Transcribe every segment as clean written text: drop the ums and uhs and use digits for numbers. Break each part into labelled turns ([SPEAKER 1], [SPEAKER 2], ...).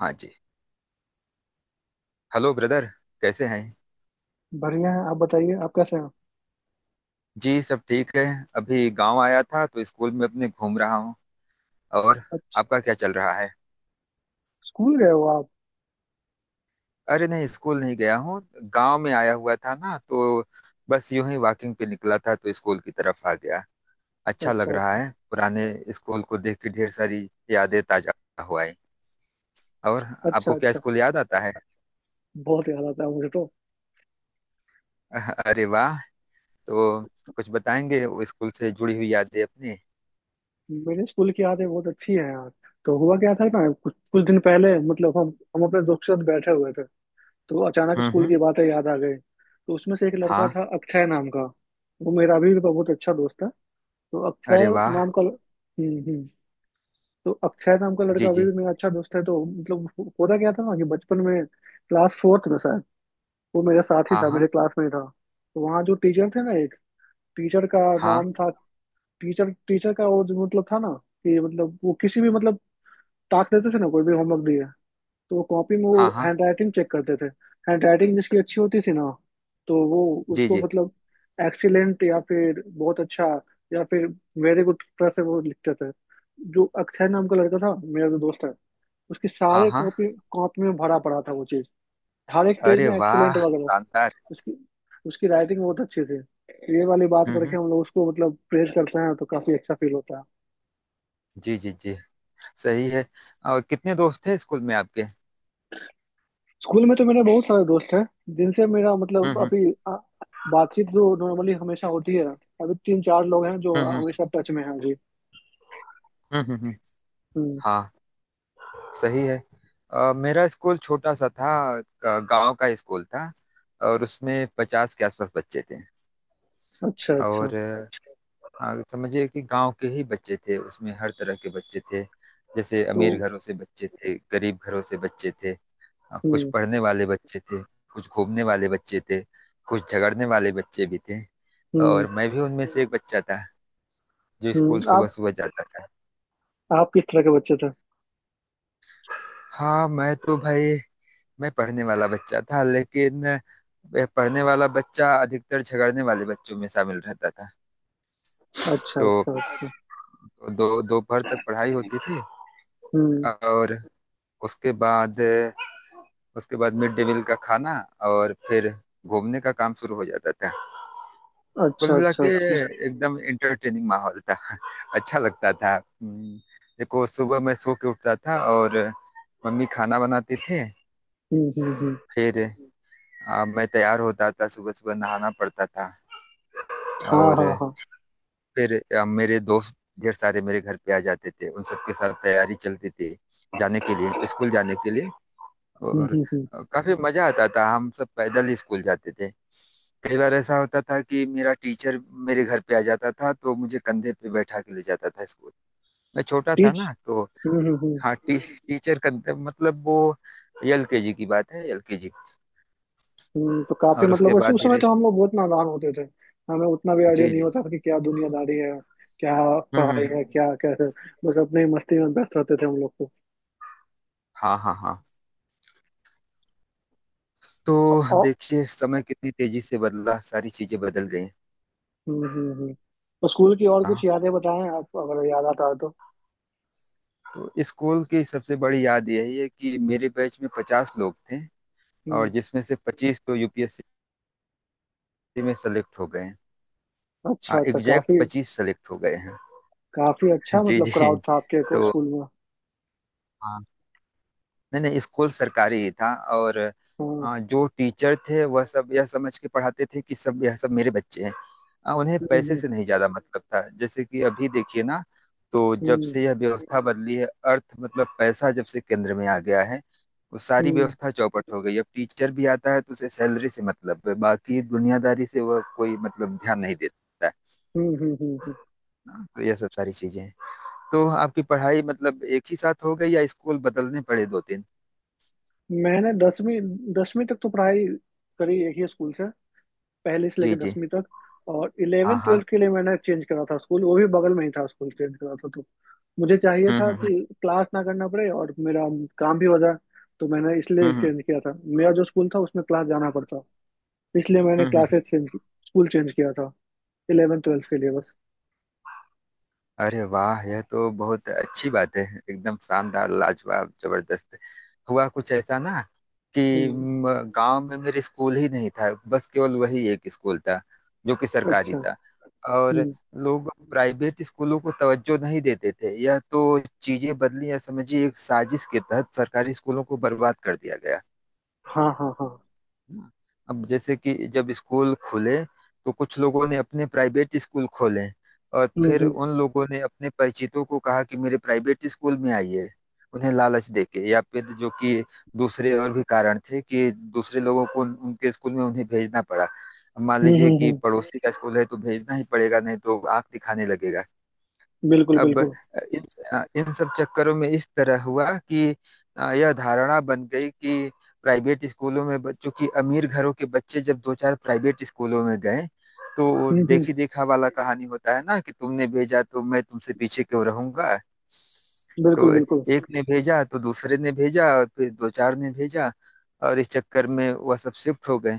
[SPEAKER 1] हाँ जी। Hello brother. कैसे हैं?
[SPEAKER 2] बढ़िया है। आप बताइए आप कैसे हैं।
[SPEAKER 1] जी, सब ठीक है। अभी गांव आया था तो स्कूल में अपने घूम रहा हूँ। और
[SPEAKER 2] अच्छा।
[SPEAKER 1] आपका क्या चल रहा है?
[SPEAKER 2] स्कूल गए हो आप?
[SPEAKER 1] अरे नहीं, स्कूल नहीं गया हूँ। गांव में आया हुआ था ना तो बस यूं ही वॉकिंग पे निकला था तो स्कूल की तरफ आ गया। अच्छा लग
[SPEAKER 2] अच्छा
[SPEAKER 1] रहा
[SPEAKER 2] अच्छा।
[SPEAKER 1] है पुराने स्कूल को देख के। ढेर सारी यादें ताजा हो आई। और
[SPEAKER 2] अच्छा
[SPEAKER 1] आपको क्या
[SPEAKER 2] अच्छा।
[SPEAKER 1] स्कूल याद आता है?
[SPEAKER 2] बहुत याद आता है मुझे तो।
[SPEAKER 1] अरे वाह। तो कुछ बताएंगे वो स्कूल से जुड़ी हुई यादें अपनी?
[SPEAKER 2] मेरे स्कूल की यादें बहुत अच्छी है यार। तो हुआ क्या था ना कुछ कुछ दिन पहले मतलब हम अपने दोस्त के साथ बैठे हुए थे। तो अचानक
[SPEAKER 1] हम्म,
[SPEAKER 2] स्कूल
[SPEAKER 1] हम्म।
[SPEAKER 2] की बातें याद आ गई। तो उसमें से एक लड़का
[SPEAKER 1] हाँ।
[SPEAKER 2] था अक्षय नाम का। वो मेरा अभी भी बहुत अच्छा दोस्त है। तो
[SPEAKER 1] अरे
[SPEAKER 2] अक्षय
[SPEAKER 1] वाह।
[SPEAKER 2] नाम का ल- हम्म। तो अक्षय नाम का लड़का
[SPEAKER 1] जी,
[SPEAKER 2] अभी
[SPEAKER 1] जी।
[SPEAKER 2] भी मेरा अच्छा दोस्त है तो मतलब होता क्या था ना कि बचपन में क्लास फोर्थ में शायद वो मेरे साथ ही
[SPEAKER 1] हाँ
[SPEAKER 2] था
[SPEAKER 1] हाँ,
[SPEAKER 2] मेरे क्लास में ही था। तो वहाँ जो टीचर थे ना, एक टीचर का
[SPEAKER 1] हाँ।
[SPEAKER 2] नाम था। टीचर टीचर का वो जो मतलब था ना कि मतलब वो किसी भी मतलब टास्क देते थे ना, कोई भी होमवर्क दिए तो वो कॉपी में वो
[SPEAKER 1] हाँ। हाँ,
[SPEAKER 2] हैंड राइटिंग चेक करते थे। हैंड राइटिंग जिसकी अच्छी होती थी ना, तो वो
[SPEAKER 1] जी,
[SPEAKER 2] उसको
[SPEAKER 1] जी।
[SPEAKER 2] मतलब एक्सीलेंट या फिर बहुत अच्छा या फिर वेरी गुड तरह से वो लिखते थे। जो अक्षय नाम का लड़का था मेरा जो दोस्त है, उसकी
[SPEAKER 1] हाँ,
[SPEAKER 2] सारे
[SPEAKER 1] हाँ।
[SPEAKER 2] कॉपी कॉपी में भरा पड़ा था वो चीज, हर एक पेज
[SPEAKER 1] अरे
[SPEAKER 2] में एक्सीलेंट
[SPEAKER 1] वाह,
[SPEAKER 2] वगैरह।
[SPEAKER 1] शानदार।
[SPEAKER 2] उसकी उसकी राइटिंग बहुत अच्छी थी, तो ये वाली बात
[SPEAKER 1] हम्म,
[SPEAKER 2] करके
[SPEAKER 1] हम्म।
[SPEAKER 2] हम लोग उसको मतलब प्रेज करते हैं तो काफी अच्छा फील होता है।
[SPEAKER 1] जी, जी, जी। सही है। और कितने दोस्त थे स्कूल में आपके?
[SPEAKER 2] स्कूल में तो मेरे बहुत सारे दोस्त हैं जिनसे मेरा
[SPEAKER 1] हम्म,
[SPEAKER 2] मतलब
[SPEAKER 1] हम्म,
[SPEAKER 2] अभी बातचीत जो नॉर्मली हमेशा होती है। अभी तीन चार लोग हैं जो
[SPEAKER 1] हम्म, हम्म,
[SPEAKER 2] हमेशा टच में हैं अभी।
[SPEAKER 1] हम्म, हम्म।
[SPEAKER 2] हम्म।
[SPEAKER 1] हाँ। सही है। मेरा स्कूल छोटा सा था। गांव का स्कूल था। और उसमें 50 के आसपास बच्चे थे।
[SPEAKER 2] अच्छा अच्छा।
[SPEAKER 1] और समझिए कि गांव के ही बच्चे थे, उसमें हर तरह के बच्चे थे। जैसे
[SPEAKER 2] तो
[SPEAKER 1] अमीर घरों से बच्चे थे, गरीब घरों से बच्चे थे। कुछ
[SPEAKER 2] हम्म
[SPEAKER 1] पढ़ने वाले बच्चे थे, कुछ घूमने वाले बच्चे थे, कुछ झगड़ने वाले बच्चे भी थे।
[SPEAKER 2] हम्म
[SPEAKER 1] और मैं भी उनमें से एक बच्चा था जो स्कूल
[SPEAKER 2] हम्म।
[SPEAKER 1] सुबह
[SPEAKER 2] आप
[SPEAKER 1] सुबह जाता था।
[SPEAKER 2] किस तरह के बच्चे थे?
[SPEAKER 1] हाँ, मैं तो भाई, मैं पढ़ने वाला बच्चा था, लेकिन वह पढ़ने वाला बच्चा अधिकतर झगड़ने वाले बच्चों में शामिल रहता था।
[SPEAKER 2] अच्छा
[SPEAKER 1] तो
[SPEAKER 2] अच्छा अच्छा।
[SPEAKER 1] दो दोपहर तक पढ़ाई होती थी
[SPEAKER 2] हम्म।
[SPEAKER 1] और उसके बाद उसके बाद मिड डे मील का खाना और फिर घूमने का काम शुरू हो जाता था। कुल
[SPEAKER 2] अच्छा
[SPEAKER 1] मिला
[SPEAKER 2] अच्छा
[SPEAKER 1] के
[SPEAKER 2] अच्छा।
[SPEAKER 1] एकदम इंटरटेनिंग माहौल था, अच्छा लगता था। देखो, सुबह मैं सो के उठता था और मम्मी खाना बनाती थी।
[SPEAKER 2] हम्म।
[SPEAKER 1] फिर मैं तैयार होता था, सुबह सुबह नहाना पड़ता था।
[SPEAKER 2] हाँ
[SPEAKER 1] और
[SPEAKER 2] हाँ हाँ।
[SPEAKER 1] फिर मेरे दोस्त ढेर सारे मेरे घर पे आ जाते थे, उन सबके साथ तैयारी चलती थी जाने के लिए स्कूल जाने के लिए। और
[SPEAKER 2] हम्म।
[SPEAKER 1] काफी मजा आता था, हम सब पैदल ही स्कूल जाते थे। कई बार ऐसा होता था कि मेरा टीचर मेरे घर पे आ जाता था तो मुझे कंधे पे बैठा के ले जाता था स्कूल। मैं छोटा था
[SPEAKER 2] टीच
[SPEAKER 1] ना तो।
[SPEAKER 2] हम्म।
[SPEAKER 1] हाँ, टीचर कंधे, मतलब वो एलकेजी की बात है, एलकेजी।
[SPEAKER 2] हम्म। तो काफी
[SPEAKER 1] और
[SPEAKER 2] मतलब
[SPEAKER 1] उसके
[SPEAKER 2] उस
[SPEAKER 1] बाद
[SPEAKER 2] उस समय
[SPEAKER 1] धीरे।
[SPEAKER 2] तो हम लोग बहुत नादान होते थे। हमें उतना भी आइडिया
[SPEAKER 1] जी,
[SPEAKER 2] नहीं
[SPEAKER 1] जी।
[SPEAKER 2] होता था कि क्या दुनियादारी है, क्या
[SPEAKER 1] हम्म, हम्म,
[SPEAKER 2] पढ़ाई है, क्या कैसे। बस अपने मस्ती में व्यस्त रहते थे हम लोग को।
[SPEAKER 1] हाँ, हाँ, हाँ। तो
[SPEAKER 2] और
[SPEAKER 1] देखिए, समय कितनी तेजी से बदला, सारी चीजें बदल गई।
[SPEAKER 2] हम्म हम्म हम्म। तो स्कूल की और
[SPEAKER 1] हाँ।
[SPEAKER 2] कुछ यादें बताएं आप, अगर याद आता है तो।
[SPEAKER 1] तो स्कूल की सबसे बड़ी याद यही है कि मेरे बैच में 50 लोग थे और
[SPEAKER 2] हम्म।
[SPEAKER 1] जिसमें से 25 तो यूपीएससी में सेलेक्ट हो गए हैं।
[SPEAKER 2] अच्छा अच्छा।
[SPEAKER 1] एग्जैक्ट
[SPEAKER 2] काफी
[SPEAKER 1] 25 सेलेक्ट हो गए हैं।
[SPEAKER 2] काफी अच्छा
[SPEAKER 1] जी,
[SPEAKER 2] मतलब
[SPEAKER 1] जी।
[SPEAKER 2] क्राउड था आपके
[SPEAKER 1] तो
[SPEAKER 2] स्कूल में।
[SPEAKER 1] हाँ, नहीं नहीं, स्कूल सरकारी ही था। और
[SPEAKER 2] हाँ।
[SPEAKER 1] जो टीचर थे वह सब यह समझ के पढ़ाते थे कि सब, यह सब मेरे बच्चे हैं। उन्हें
[SPEAKER 2] हम्म
[SPEAKER 1] पैसे
[SPEAKER 2] हम्म
[SPEAKER 1] से नहीं ज्यादा मतलब था, जैसे कि अभी देखिए ना, तो जब
[SPEAKER 2] हम्म।
[SPEAKER 1] से यह व्यवस्था बदली है, अर्थ मतलब पैसा जब से केंद्र में आ गया है, वो सारी
[SPEAKER 2] हम्म
[SPEAKER 1] व्यवस्था चौपट हो गई। अब टीचर भी आता है तो उसे सैलरी से मतलब है, बाकी दुनियादारी से वह कोई मतलब ध्यान नहीं देता है।
[SPEAKER 2] हम्म हम्म, हम्म, हम्म।
[SPEAKER 1] ना तो यह सब सारी चीजें हैं। तो आपकी पढ़ाई मतलब एक ही साथ हो गई या स्कूल बदलने पड़े दो तीन?
[SPEAKER 2] मैंने दसवीं दसवीं तक तो पढ़ाई करी एक ही स्कूल से, पहले से
[SPEAKER 1] जी,
[SPEAKER 2] लेकर
[SPEAKER 1] जी।
[SPEAKER 2] 10वीं तक। और
[SPEAKER 1] हाँ,
[SPEAKER 2] इलेवन
[SPEAKER 1] हाँ।
[SPEAKER 2] ट्वेल्थ के लिए मैंने चेंज करा था स्कूल, वो भी बगल में ही था। स्कूल चेंज करा था। तो मुझे चाहिए
[SPEAKER 1] हम्म,
[SPEAKER 2] था
[SPEAKER 1] हम्म,
[SPEAKER 2] कि क्लास ना करना पड़े और मेरा काम भी हो जाए। तो मैंने
[SPEAKER 1] हम्म,
[SPEAKER 2] इसलिए
[SPEAKER 1] हम्म,
[SPEAKER 2] चेंज
[SPEAKER 1] हम्म,
[SPEAKER 2] किया था, मेरा जो स्कूल था उसमें क्लास जाना पड़ता। इसलिए मैंने
[SPEAKER 1] हम्म।
[SPEAKER 2] क्लासेस चेंज की, स्कूल चेंज किया था 11वीं 12वीं के लिए बस।
[SPEAKER 1] अरे वाह, यह तो बहुत अच्छी बात है, एकदम शानदार, लाजवाब, जबरदस्त। हुआ कुछ ऐसा ना कि
[SPEAKER 2] हम्म।
[SPEAKER 1] गांव में मेरे स्कूल ही नहीं था, बस केवल वही एक स्कूल था जो कि सरकारी
[SPEAKER 2] अच्छा।
[SPEAKER 1] था। और
[SPEAKER 2] हम्म।
[SPEAKER 1] लोग प्राइवेट स्कूलों को तवज्जो नहीं देते थे। यह तो चीजें बदली, या समझिए एक साजिश के तहत सरकारी स्कूलों को बर्बाद कर दिया गया।
[SPEAKER 2] हाँ हाँ हाँ।
[SPEAKER 1] हाँ। अब जैसे कि जब स्कूल खुले तो कुछ लोगों ने अपने प्राइवेट स्कूल खोले और
[SPEAKER 2] हम्म
[SPEAKER 1] फिर
[SPEAKER 2] हम्म
[SPEAKER 1] उन लोगों ने अपने परिचितों को कहा कि मेरे प्राइवेट स्कूल में आइए, उन्हें लालच देके या फिर जो कि दूसरे और भी कारण थे कि दूसरे लोगों को उनके स्कूल में उन्हें भेजना पड़ा। अब मान
[SPEAKER 2] हम्म।
[SPEAKER 1] लीजिए कि पड़ोसी का स्कूल है तो भेजना ही पड़ेगा, नहीं तो आंख दिखाने लगेगा।
[SPEAKER 2] बिल्कुल
[SPEAKER 1] अब
[SPEAKER 2] बिल्कुल।
[SPEAKER 1] इन इन सब चक्करों में इस तरह हुआ कि यह धारणा बन गई कि प्राइवेट स्कूलों में बच्चों की, अमीर घरों के बच्चे जब दो चार प्राइवेट स्कूलों में गए तो
[SPEAKER 2] हम्म।
[SPEAKER 1] देखी देखा वाला कहानी होता है ना कि तुमने भेजा तो मैं तुमसे पीछे क्यों रहूंगा?
[SPEAKER 2] बिल्कुल
[SPEAKER 1] तो
[SPEAKER 2] बिल्कुल।
[SPEAKER 1] एक ने भेजा तो दूसरे ने भेजा और फिर दो चार ने भेजा, और इस चक्कर में वह सब शिफ्ट हो गए।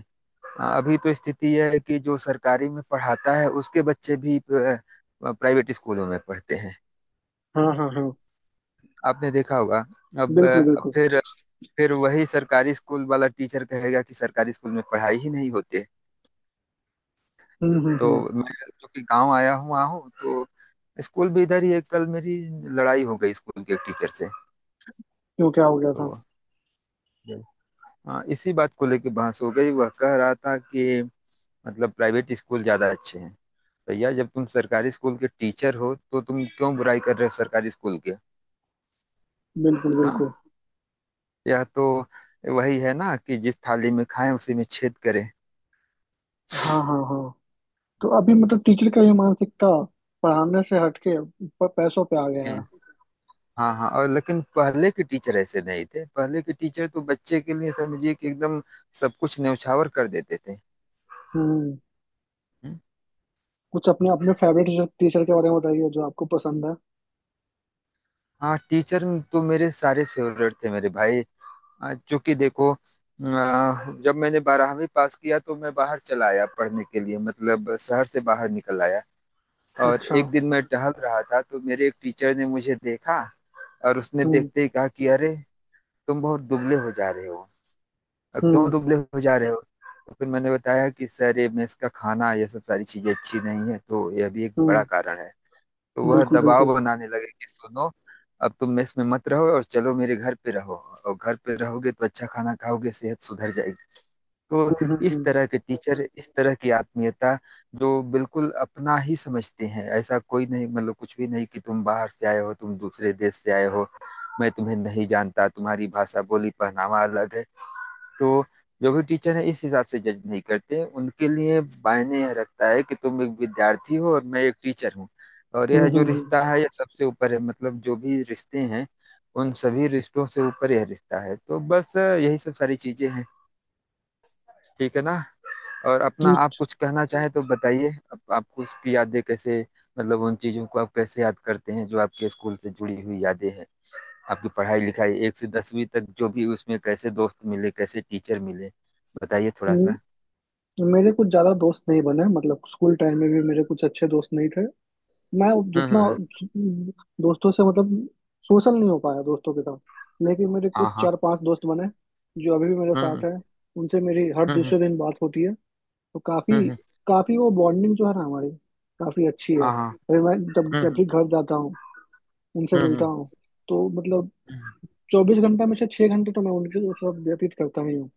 [SPEAKER 1] अभी तो स्थिति यह है कि जो सरकारी में पढ़ाता है उसके बच्चे भी प्राइवेट स्कूलों में पढ़ते हैं।
[SPEAKER 2] हाँ हाँ हाँ।
[SPEAKER 1] आपने देखा होगा। अब
[SPEAKER 2] बिल्कुल बिल्कुल।
[SPEAKER 1] फिर वही सरकारी स्कूल वाला टीचर कहेगा कि सरकारी स्कूल में पढ़ाई ही नहीं होती है। तो
[SPEAKER 2] हम्म।
[SPEAKER 1] मैं चूंकि गांव आया हूँ, वहाँ हूँ, तो स्कूल भी इधर ही है, कल मेरी लड़ाई हो गई स्कूल के टीचर से।
[SPEAKER 2] क्यों, क्या हो गया था?
[SPEAKER 1] तो हाँ, इसी बात को लेके बहस हो गई, वह कह रहा था कि मतलब प्राइवेट स्कूल ज्यादा अच्छे हैं। भैया, जब तुम सरकारी स्कूल के टीचर हो तो तुम क्यों बुराई कर रहे हो सरकारी स्कूल के?
[SPEAKER 2] बिल्कुल
[SPEAKER 1] हाँ,
[SPEAKER 2] बिल्कुल।
[SPEAKER 1] यह तो वही है ना कि जिस थाली में खाएं उसी में छेद करें।
[SPEAKER 2] हाँ हाँ हाँ। तो अभी मतलब टीचर का ये मानसिकता पढ़ाने से हटके पैसों पे आ गया है।
[SPEAKER 1] जी। हाँ, हाँ। और लेकिन पहले के टीचर ऐसे नहीं थे, पहले के टीचर तो बच्चे के लिए समझिए कि एकदम सब कुछ न्यौछावर कर देते थे।
[SPEAKER 2] हम्म।
[SPEAKER 1] हम्म।
[SPEAKER 2] कुछ अपने अपने फेवरेट टीचर के बारे में बताइए जो आपको पसंद है।
[SPEAKER 1] हाँ, टीचर तो मेरे सारे फेवरेट थे मेरे भाई। चूंकि देखो जब मैंने 12वीं पास किया तो मैं बाहर चला आया पढ़ने के लिए, मतलब शहर से बाहर निकल आया। और
[SPEAKER 2] अच्छा।
[SPEAKER 1] एक दिन मैं टहल रहा था तो मेरे एक टीचर ने मुझे देखा और उसने
[SPEAKER 2] हम्म
[SPEAKER 1] देखते ही कहा कि अरे, तुम बहुत दुबले हो जा रहे हो, क्यों
[SPEAKER 2] हम्म
[SPEAKER 1] दुबले हो जा रहे हो? तो फिर मैंने बताया कि सर, ये मेस का खाना, ये सब सारी चीजें अच्छी नहीं है, तो यह भी एक बड़ा
[SPEAKER 2] हम्म।
[SPEAKER 1] कारण है। तो वह
[SPEAKER 2] बिल्कुल बिल्कुल।
[SPEAKER 1] दबाव बनाने लगे कि सुनो, अब तुम मेस में मत रहो और चलो मेरे घर पे रहो, और घर पे रहोगे तो अच्छा खाना खाओगे, सेहत सुधर जाएगी। तो
[SPEAKER 2] हम्म
[SPEAKER 1] इस
[SPEAKER 2] हम्म
[SPEAKER 1] तरह के टीचर, इस तरह की आत्मीयता, जो बिल्कुल अपना ही समझते हैं, ऐसा कोई नहीं, मतलब कुछ भी नहीं कि तुम बाहर से आए हो, तुम दूसरे देश से आए हो, मैं तुम्हें नहीं जानता, तुम्हारी भाषा, बोली, पहनावा अलग है। तो जो भी टीचर है, इस हिसाब से जज नहीं करते। उनके लिए मायने यह रखता है कि तुम एक विद्यार्थी हो और मैं एक टीचर हूँ। और
[SPEAKER 2] हम्म
[SPEAKER 1] यह
[SPEAKER 2] हम्म
[SPEAKER 1] जो
[SPEAKER 2] हम्म, हम्म।
[SPEAKER 1] रिश्ता है, यह सबसे ऊपर है, मतलब जो भी रिश्ते हैं, उन सभी रिश्तों से ऊपर यह रिश्ता है। तो बस यही सब सारी चीजें हैं, ठीक है ना? और अपना आप
[SPEAKER 2] टीच
[SPEAKER 1] कुछ कहना चाहें तो बताइए, आपको उसकी यादें कैसे, मतलब उन चीजों को आप कैसे याद करते हैं जो आपके स्कूल से जुड़ी हुई यादें हैं? आपकी पढ़ाई लिखाई एक से 10वीं तक, जो भी उसमें कैसे दोस्त मिले, कैसे टीचर मिले, बताइए थोड़ा
[SPEAKER 2] हम्म।
[SPEAKER 1] सा।
[SPEAKER 2] मेरे कुछ ज्यादा दोस्त नहीं बने मतलब स्कूल टाइम में भी मेरे कुछ अच्छे दोस्त नहीं थे। मैं
[SPEAKER 1] हुँ,
[SPEAKER 2] जितना
[SPEAKER 1] हुँ।
[SPEAKER 2] दोस्तों से मतलब सोशल नहीं हो पाया दोस्तों के साथ। लेकिन मेरे कुछ
[SPEAKER 1] हाँ, हाँ।
[SPEAKER 2] चार पांच दोस्त बने जो अभी भी मेरे
[SPEAKER 1] हुँ,
[SPEAKER 2] साथ
[SPEAKER 1] हुँ,
[SPEAKER 2] हैं। उनसे मेरी हर
[SPEAKER 1] हुँ, हुँ,
[SPEAKER 2] दूसरे दिन बात होती है। तो
[SPEAKER 1] हुँ,
[SPEAKER 2] काफी
[SPEAKER 1] हुँ।
[SPEAKER 2] काफी वो बॉन्डिंग जो है ना हमारी काफी अच्छी है।
[SPEAKER 1] हाँ, हाँ।
[SPEAKER 2] अरे मैं जब
[SPEAKER 1] हुँ,
[SPEAKER 2] जब
[SPEAKER 1] हुँ,
[SPEAKER 2] भी घर जाता हूँ उनसे
[SPEAKER 1] हुँ,
[SPEAKER 2] मिलता
[SPEAKER 1] हुँ,
[SPEAKER 2] हूँ, तो मतलब 24 घंटे में से 6 घंटे तो मैं उनके साथ व्यतीत करता ही हूँ।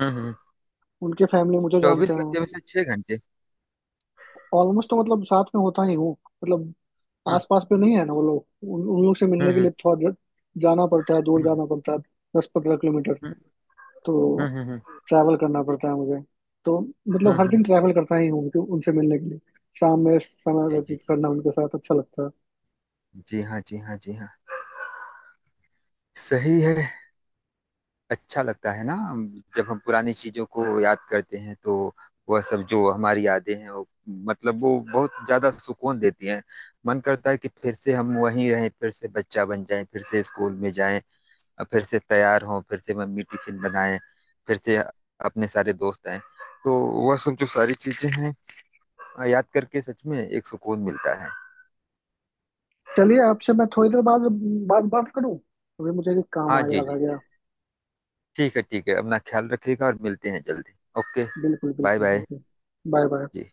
[SPEAKER 1] हुँ, हुँ, हुँ।
[SPEAKER 2] उनके फैमिली मुझे जानते
[SPEAKER 1] 24
[SPEAKER 2] हैं।
[SPEAKER 1] घंटे में से 6 घंटे।
[SPEAKER 2] ऑलमोस्ट तो मतलब साथ में होता ही हूँ। मतलब
[SPEAKER 1] हुँ,
[SPEAKER 2] आस पास पे नहीं है ना वो लोग, उन लोग से
[SPEAKER 1] हुँ,
[SPEAKER 2] मिलने के
[SPEAKER 1] हुँ,
[SPEAKER 2] लिए थोड़ा जाना पड़ता है, दूर
[SPEAKER 1] हुँ,
[SPEAKER 2] जाना पड़ता है, 10-15 किलोमीटर।
[SPEAKER 1] हुँ, हुँ,
[SPEAKER 2] तो
[SPEAKER 1] हुँ, हुँ,
[SPEAKER 2] ट्रैवल करना पड़ता है मुझे। तो
[SPEAKER 1] हुँ,
[SPEAKER 2] मतलब हर दिन
[SPEAKER 1] हुँ।
[SPEAKER 2] ट्रैवल करता ही हूँ उनसे मिलने के लिए। शाम में समय
[SPEAKER 1] जी, जी,
[SPEAKER 2] व्यतीत
[SPEAKER 1] जी,
[SPEAKER 2] करना
[SPEAKER 1] जी।
[SPEAKER 2] उनके साथ अच्छा लगता है।
[SPEAKER 1] जी हाँ, जी हाँ, जी हाँ। सही है। अच्छा लगता है ना, जब हम पुरानी चीज़ों को याद करते हैं तो वह सब जो हमारी यादें हैं वो, मतलब वो बहुत ज़्यादा सुकून देती हैं। मन करता है कि फिर से हम वहीं रहें, फिर से बच्चा बन जाएँ, फिर से स्कूल में जाएँ, अब फिर से तैयार हों, फिर से मम्मी टिफिन बनाएं, फिर से अपने सारे दोस्त आए, तो वह सब जो सारी चीजें हैं, याद करके सच में एक सुकून मिलता है।
[SPEAKER 2] चलिए आपसे मैं थोड़ी देर बाद बाद बात करूं। अभी मुझे एक काम
[SPEAKER 1] हाँ,
[SPEAKER 2] आ
[SPEAKER 1] जी,
[SPEAKER 2] याद आ
[SPEAKER 1] जी।
[SPEAKER 2] गया।
[SPEAKER 1] ठीक है, ठीक है, अपना ख्याल रखिएगा और मिलते हैं जल्दी। ओके।
[SPEAKER 2] बिल्कुल
[SPEAKER 1] बाय
[SPEAKER 2] बिल्कुल
[SPEAKER 1] बाय।
[SPEAKER 2] बिल्कुल। Bye bye.
[SPEAKER 1] जी।